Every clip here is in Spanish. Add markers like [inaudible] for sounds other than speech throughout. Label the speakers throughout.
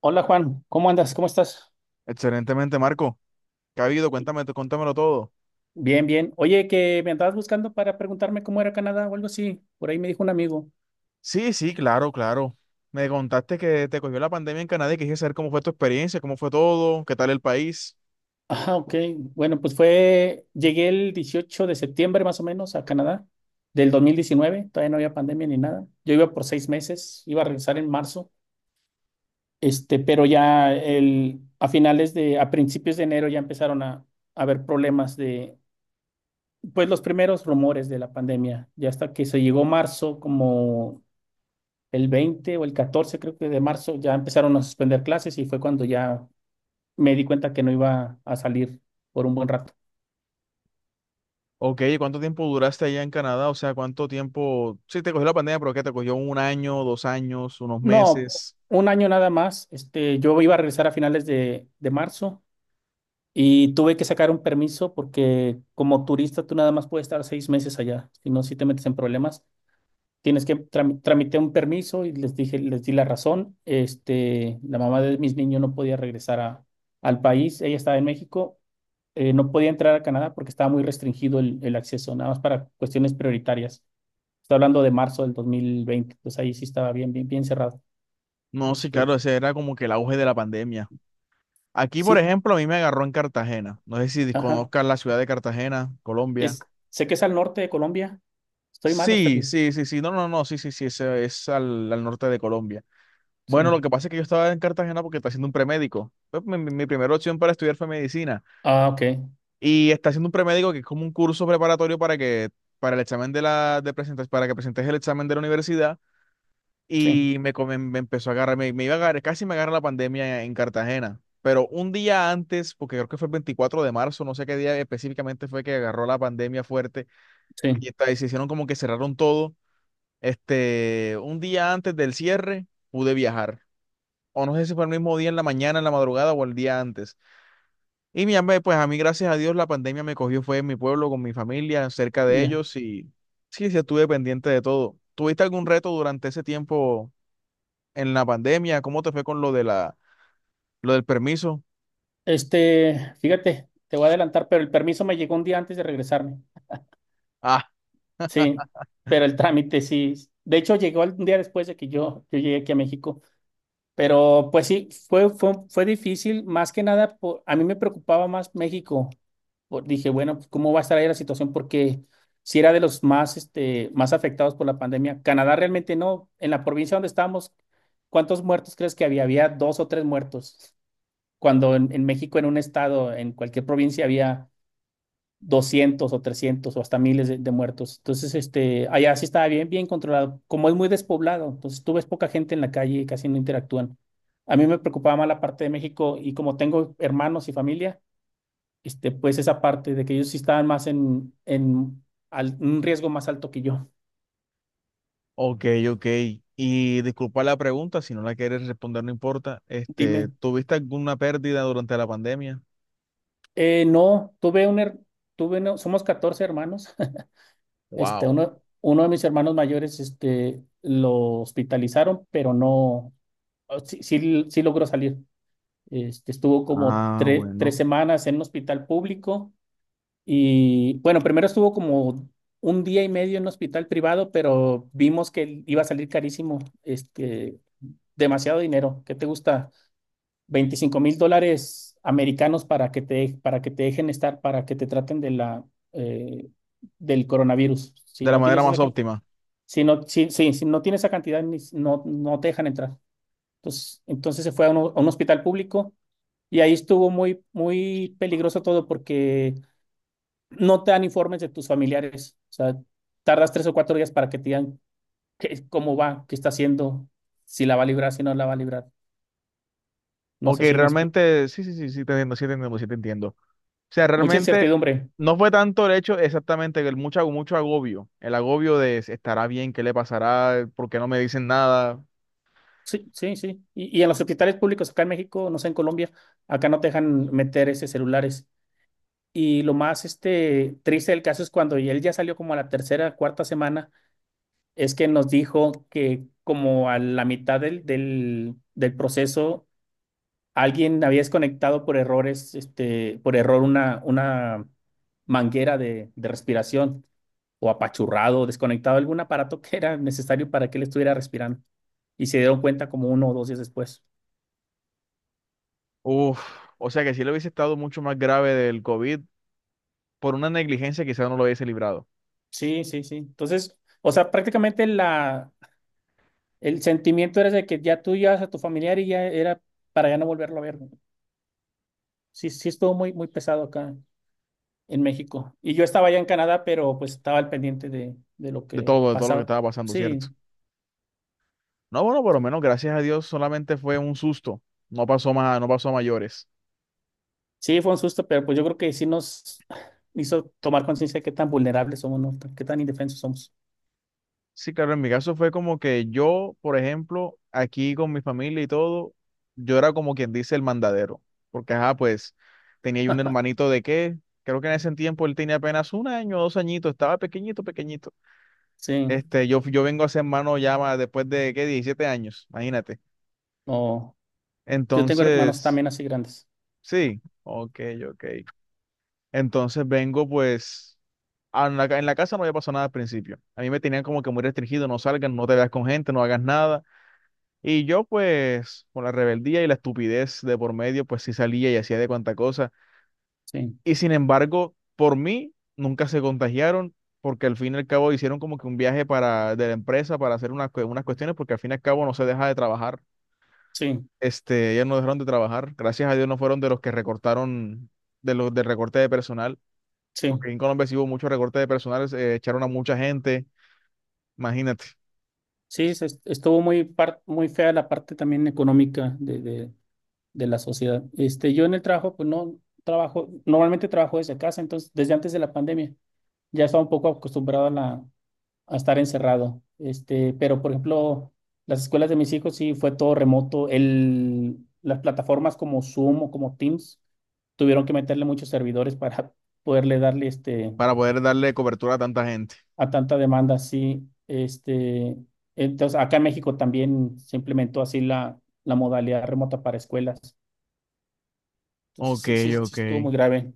Speaker 1: Hola Juan, ¿cómo andas? ¿Cómo estás?
Speaker 2: Excelentemente, Marco. ¿Qué ha habido? Cuéntame, cuéntamelo todo.
Speaker 1: Bien, bien. Oye, que me andabas buscando para preguntarme cómo era Canadá o algo así. Por ahí me dijo un amigo.
Speaker 2: Sí, sí, claro, claro. Me contaste que te cogió la pandemia en Canadá y quise saber cómo fue tu experiencia, cómo fue todo, qué tal el país.
Speaker 1: Ah, ok. Bueno, pues llegué el 18 de septiembre más o menos a Canadá del 2019. Todavía no había pandemia ni nada. Yo iba por 6 meses, iba a regresar en marzo. Pero ya a principios de enero ya empezaron a haber problemas pues los primeros rumores de la pandemia. Ya hasta que se llegó marzo, como el 20 o el 14 creo que de marzo, ya empezaron a suspender clases y fue cuando ya me di cuenta que no iba a salir por un buen rato.
Speaker 2: Ok, ¿cuánto tiempo duraste allá en Canadá? O sea, ¿cuánto tiempo? Sí, te cogió la pandemia, pero ¿qué te cogió? ¿Un año, dos años, unos
Speaker 1: No,
Speaker 2: meses?
Speaker 1: un año nada más. Yo iba a regresar a finales de marzo y tuve que sacar un permiso porque como turista tú nada más puedes estar 6 meses allá, si no, si te metes en problemas. Tramité un permiso y les dije, les di la razón. La mamá de mis niños no podía regresar al país. Ella estaba en México. No podía entrar a Canadá porque estaba muy restringido el acceso, nada más para cuestiones prioritarias. Estoy hablando de marzo del 2020. Pues ahí sí estaba bien, bien, bien cerrado.
Speaker 2: No, sí,
Speaker 1: Este,
Speaker 2: claro, ese era como que el auge de la pandemia. Aquí, por
Speaker 1: sí,
Speaker 2: ejemplo, a mí me agarró en Cartagena. No sé si
Speaker 1: ajá.
Speaker 2: conozcas la ciudad de Cartagena,
Speaker 1: Es,
Speaker 2: Colombia.
Speaker 1: Sé que es al norte de Colombia. ¿Estoy mal o está
Speaker 2: Sí,
Speaker 1: bien?
Speaker 2: sí, sí, sí. No, no, no, sí, sí, sí, ese es al norte de Colombia. Bueno, lo
Speaker 1: Sí.
Speaker 2: que pasa es que yo estaba en Cartagena porque está haciendo un premédico. Pues, mi primera opción para estudiar fue medicina.
Speaker 1: Ah, ok.
Speaker 2: Y está haciendo un premédico que es como un curso preparatorio para el examen de presentes, para que presentes el examen de la universidad.
Speaker 1: Sí,
Speaker 2: Y me empezó a agarrar, me iba a agarrar, casi me agarra la pandemia en Cartagena. Pero un día antes, porque creo que fue el 24 de marzo, no sé qué día específicamente fue que agarró la pandemia fuerte y,
Speaker 1: sí.
Speaker 2: y se hicieron como que cerraron todo. Este, un día antes del cierre pude viajar. O no sé si fue el mismo día en la mañana, en la madrugada o el día antes. Y mi hambre, pues a mí, gracias a Dios, la pandemia me cogió, fue en mi pueblo, con mi familia, cerca de
Speaker 1: Ya.
Speaker 2: ellos y sí, sí, estuve pendiente de todo. ¿Tuviste algún reto durante ese tiempo en la pandemia? ¿Cómo te fue con lo lo del permiso?
Speaker 1: Fíjate, te voy a adelantar, pero el permiso me llegó un día antes de regresarme.
Speaker 2: Ah,
Speaker 1: Sí, pero el trámite sí. De hecho, llegó un día después de que yo llegué aquí a México. Pero pues sí, fue difícil, más que nada, a mí me preocupaba más México. Dije, bueno, pues, ¿cómo va a estar ahí la situación? Porque si era de los más afectados por la pandemia. Canadá realmente no. En la provincia donde estábamos, ¿cuántos muertos crees que había? Había dos o tres muertos. Cuando en México, en un estado, en cualquier provincia, había 200 o 300 o hasta miles de muertos. Entonces, allá sí estaba bien, bien controlado. Como es muy despoblado, entonces tú ves poca gente en la calle y casi no interactúan. A mí me preocupaba más la parte de México y como tengo hermanos y familia, pues esa parte de que ellos sí estaban más en un riesgo más alto que yo.
Speaker 2: ok, ok. Y disculpa la pregunta, si no la quieres responder, no importa. Este,
Speaker 1: Dime,
Speaker 2: ¿tuviste alguna pérdida durante la pandemia?
Speaker 1: no, tuve un, her- tuve no somos 14 hermanos, [laughs]
Speaker 2: Wow.
Speaker 1: uno de mis hermanos mayores, lo hospitalizaron, pero no, sí, sí, sí logró salir. Estuvo como
Speaker 2: Ah,
Speaker 1: tres
Speaker 2: bueno.
Speaker 1: semanas en un hospital público y bueno, primero estuvo como un día y medio en un hospital privado, pero vimos que iba a salir carísimo, demasiado dinero. ¿Qué te gusta? 25.000 dólares americanos para que te dejen estar, para que te traten eh, del coronavirus.
Speaker 2: De la manera más óptima.
Speaker 1: Si no, si no tienes esa cantidad, no te dejan entrar. Entonces se fue a un hospital público y ahí estuvo muy, muy peligroso todo porque no te dan informes de tus familiares. O sea, tardas 3 o 4 días para que te digan cómo va, qué está haciendo, si la va a librar, si no la va a librar. No
Speaker 2: Ok,
Speaker 1: sé si me explico.
Speaker 2: realmente, sí, sí, sí, sí, te entiendo, sí te entiendo, sí te entiendo. O sea,
Speaker 1: Mucha
Speaker 2: realmente
Speaker 1: incertidumbre.
Speaker 2: no fue tanto el hecho exactamente, que el mucho, mucho agobio, el agobio de estará bien, qué le pasará, por qué no me dicen nada.
Speaker 1: Sí, sí, sí. Y en los hospitales públicos acá en México, no sé, en Colombia, acá no te dejan meter ese celulares. Y lo más triste del caso es cuando y él ya salió como a la tercera, cuarta semana, es que nos dijo que como a la mitad del proceso alguien había desconectado por errores, por error una manguera de respiración o apachurrado, desconectado algún aparato que era necesario para que él estuviera respirando. Y se dieron cuenta como 1 o 2 días después.
Speaker 2: Uf, o sea que si le hubiese estado mucho más grave del COVID, por una negligencia quizás no lo hubiese librado,
Speaker 1: Sí, sí, sí. Entonces, o sea, prácticamente el sentimiento era de que ya tú llevas a tu familiar y ya era para ya no volverlo a ver, ¿no? Sí, sí estuvo muy, muy pesado acá en México. Y yo estaba allá en Canadá, pero pues estaba al pendiente de lo que
Speaker 2: de todo lo que
Speaker 1: pasaba.
Speaker 2: estaba pasando,
Speaker 1: Sí.
Speaker 2: ¿cierto? No, bueno, por lo
Speaker 1: Sí.
Speaker 2: menos, gracias a Dios, solamente fue un susto, no pasó más, no pasó a mayores.
Speaker 1: Sí, fue un susto, pero pues yo creo que sí nos hizo tomar conciencia de qué tan vulnerables somos, ¿no? Qué tan indefensos somos.
Speaker 2: Sí, claro, en mi caso fue como que yo, por ejemplo, aquí con mi familia y todo, yo era como quien dice el mandadero, porque ajá, pues tenía yo un
Speaker 1: [laughs]
Speaker 2: hermanito de qué, creo que en ese tiempo él tenía apenas un año, dos añitos, estaba pequeñito, pequeñito.
Speaker 1: Sí,
Speaker 2: Este, yo vengo a ser hermano ya después de qué, 17 años, imagínate.
Speaker 1: no. Yo tengo hermanos
Speaker 2: Entonces,
Speaker 1: también así grandes.
Speaker 2: sí, ok, ok. Entonces vengo pues... a En la casa no había pasado nada al principio. A mí me tenían como que muy restringido, no salgas, no te veas con gente, no hagas nada. Y yo, pues, con la rebeldía y la estupidez de por medio, pues sí salía y hacía de cuanta cosa.
Speaker 1: Sí,
Speaker 2: Y sin embargo, por mí, nunca se contagiaron, porque al fin y al cabo hicieron como que un viaje para, de la empresa para hacer unas cuestiones, porque al fin y al cabo no se deja de trabajar.
Speaker 1: sí,
Speaker 2: Este, ellos no dejaron de trabajar. Gracias a Dios no fueron de los que recortaron, de los del recorte de personal,
Speaker 1: sí.
Speaker 2: porque en Colombia sí hubo mucho recorte de personal, echaron a mucha gente, imagínate,
Speaker 1: Sí, estuvo muy, muy fea la parte también económica de la sociedad. Yo en el trabajo, pues no trabajo, normalmente trabajo desde casa, entonces desde antes de la pandemia ya estaba un poco acostumbrado a estar encerrado. Pero por ejemplo, las escuelas de mis hijos sí fue todo remoto. Las plataformas como Zoom o como Teams tuvieron que meterle muchos servidores para [laughs] poderle darle
Speaker 2: para poder darle cobertura a tanta gente.
Speaker 1: a tanta demanda. Sí, entonces acá en México también se implementó así la modalidad remota para escuelas. Entonces
Speaker 2: Ok,
Speaker 1: sí, sí, sí
Speaker 2: ok.
Speaker 1: estuvo muy grave.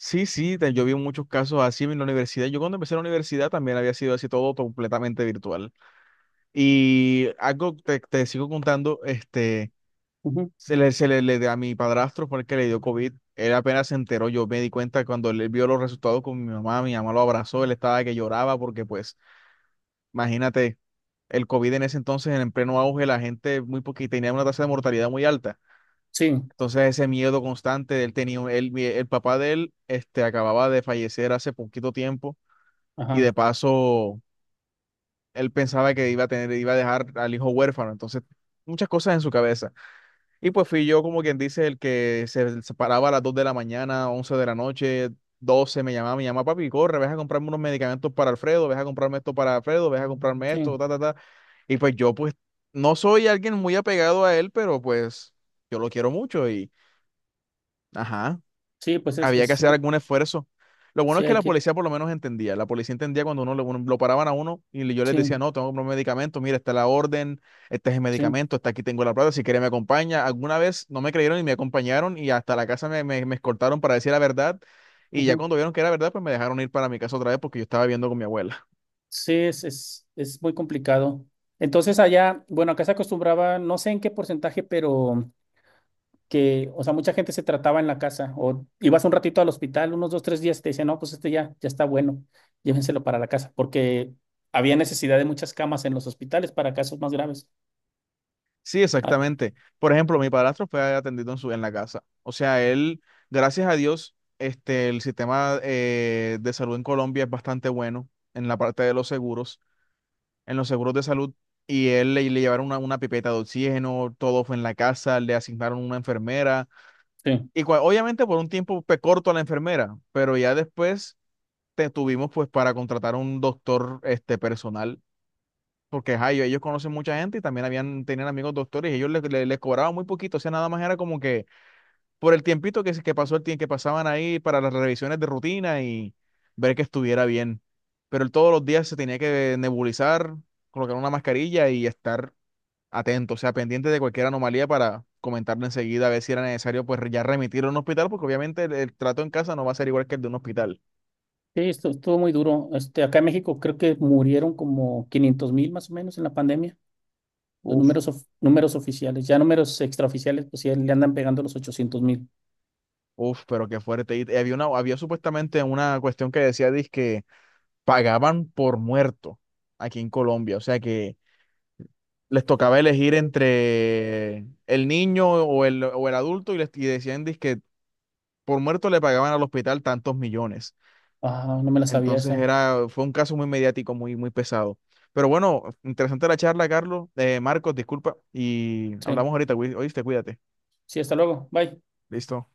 Speaker 2: Sí, sí, yo vi muchos casos así en la universidad. Yo cuando empecé la universidad también había sido así todo completamente virtual. Y algo te sigo contando, este,
Speaker 1: Ujú.
Speaker 2: a mi padrastro fue el que le dio COVID. Él apenas se enteró, yo me di cuenta cuando él vio los resultados con mi mamá lo abrazó, él estaba que lloraba porque pues, imagínate, el COVID en ese entonces, en el pleno auge, la gente muy poquita tenía una tasa de mortalidad muy alta.
Speaker 1: Sí,
Speaker 2: Entonces ese miedo constante, él tenía, él, el papá de él, este, acababa de fallecer hace poquito tiempo y de
Speaker 1: ajá,
Speaker 2: paso él pensaba que iba a tener, iba a dejar al hijo huérfano, entonces muchas cosas en su cabeza. Y pues fui yo como quien dice el que se separaba a las 2 de la mañana, 11 de la noche, 12 me llamaba papi, corre, ves a comprarme unos medicamentos para Alfredo, ves a comprarme esto para Alfredo, ves a comprarme
Speaker 1: sí,
Speaker 2: esto, ta, ta, ta. Y pues yo pues no soy alguien muy apegado a él, pero pues yo lo quiero mucho y ajá.
Speaker 1: sí, pues es,
Speaker 2: Había que
Speaker 1: es,
Speaker 2: hacer
Speaker 1: eh,
Speaker 2: algún esfuerzo. Lo bueno es
Speaker 1: sí
Speaker 2: que
Speaker 1: hay
Speaker 2: la
Speaker 1: que,
Speaker 2: policía por lo menos entendía. La policía entendía cuando uno, lo paraban a uno y yo les decía,
Speaker 1: sí,
Speaker 2: no, tengo que comprar un medicamento, mira, está la orden, este es el
Speaker 1: sí.
Speaker 2: medicamento, está aquí tengo la plata, si quiere me acompaña. Alguna vez no me creyeron y me acompañaron y hasta la casa me escoltaron para decir la verdad. Y ya
Speaker 1: Ujú.
Speaker 2: cuando vieron que era verdad, pues me dejaron ir para mi casa otra vez porque yo estaba viviendo con mi abuela.
Speaker 1: Sí, es muy complicado. Entonces allá, bueno, acá se acostumbraba, no sé en qué porcentaje, pero que, o sea, mucha gente se trataba en la casa o ibas un ratito al hospital, unos 2, 3 días, y te decían, no, pues este ya, ya está bueno, llévenselo para la casa, porque había necesidad de muchas camas en los hospitales para casos más graves.
Speaker 2: Sí,
Speaker 1: Ah,
Speaker 2: exactamente. Por ejemplo, mi padrastro fue atendido en en la casa. O sea, él, gracias a Dios, este, el sistema de salud en Colombia es bastante bueno en la parte de los seguros, en los seguros de salud. Y él le llevaron una pipeta de oxígeno, todo fue en la casa, le asignaron una enfermera.
Speaker 1: sí,
Speaker 2: Y obviamente por un tiempo fue corto a la enfermera, pero ya después te tuvimos pues para contratar un doctor este, personal porque ajá, ellos conocen mucha gente y también habían, tenían amigos doctores y ellos les cobraban muy poquito, o sea, nada más era como que por el tiempito que pasó el tiempo que pasaban ahí para las revisiones de rutina y ver que estuviera bien. Pero él todos los días se tenía que nebulizar, colocar una mascarilla y estar atento, o sea, pendiente de cualquier anomalía para comentarle enseguida a ver si era necesario pues ya remitirlo a un hospital, porque obviamente el trato en casa no va a ser igual que el de un hospital.
Speaker 1: sí, esto estuvo muy duro. Acá en México creo que murieron como 500.000 más o menos en la pandemia,
Speaker 2: Uf,
Speaker 1: números oficiales, ya números extraoficiales, pues sí, le andan pegando los 800.000.
Speaker 2: Uf, pero qué fuerte. Y había una, había supuestamente una cuestión que decía, dizque pagaban por muerto aquí en Colombia. O sea que les tocaba elegir entre el niño o el adulto y, les, y decían que por muerto le pagaban al hospital tantos millones.
Speaker 1: Ah, no me la sabía
Speaker 2: Entonces
Speaker 1: esa.
Speaker 2: era, fue un caso muy mediático, muy, muy pesado. Pero bueno, interesante la charla, Carlos. Marcos, disculpa. Y hablamos
Speaker 1: Sí.
Speaker 2: ahorita, güey. Oíste, cuídate.
Speaker 1: Sí, hasta luego. Bye.
Speaker 2: Listo.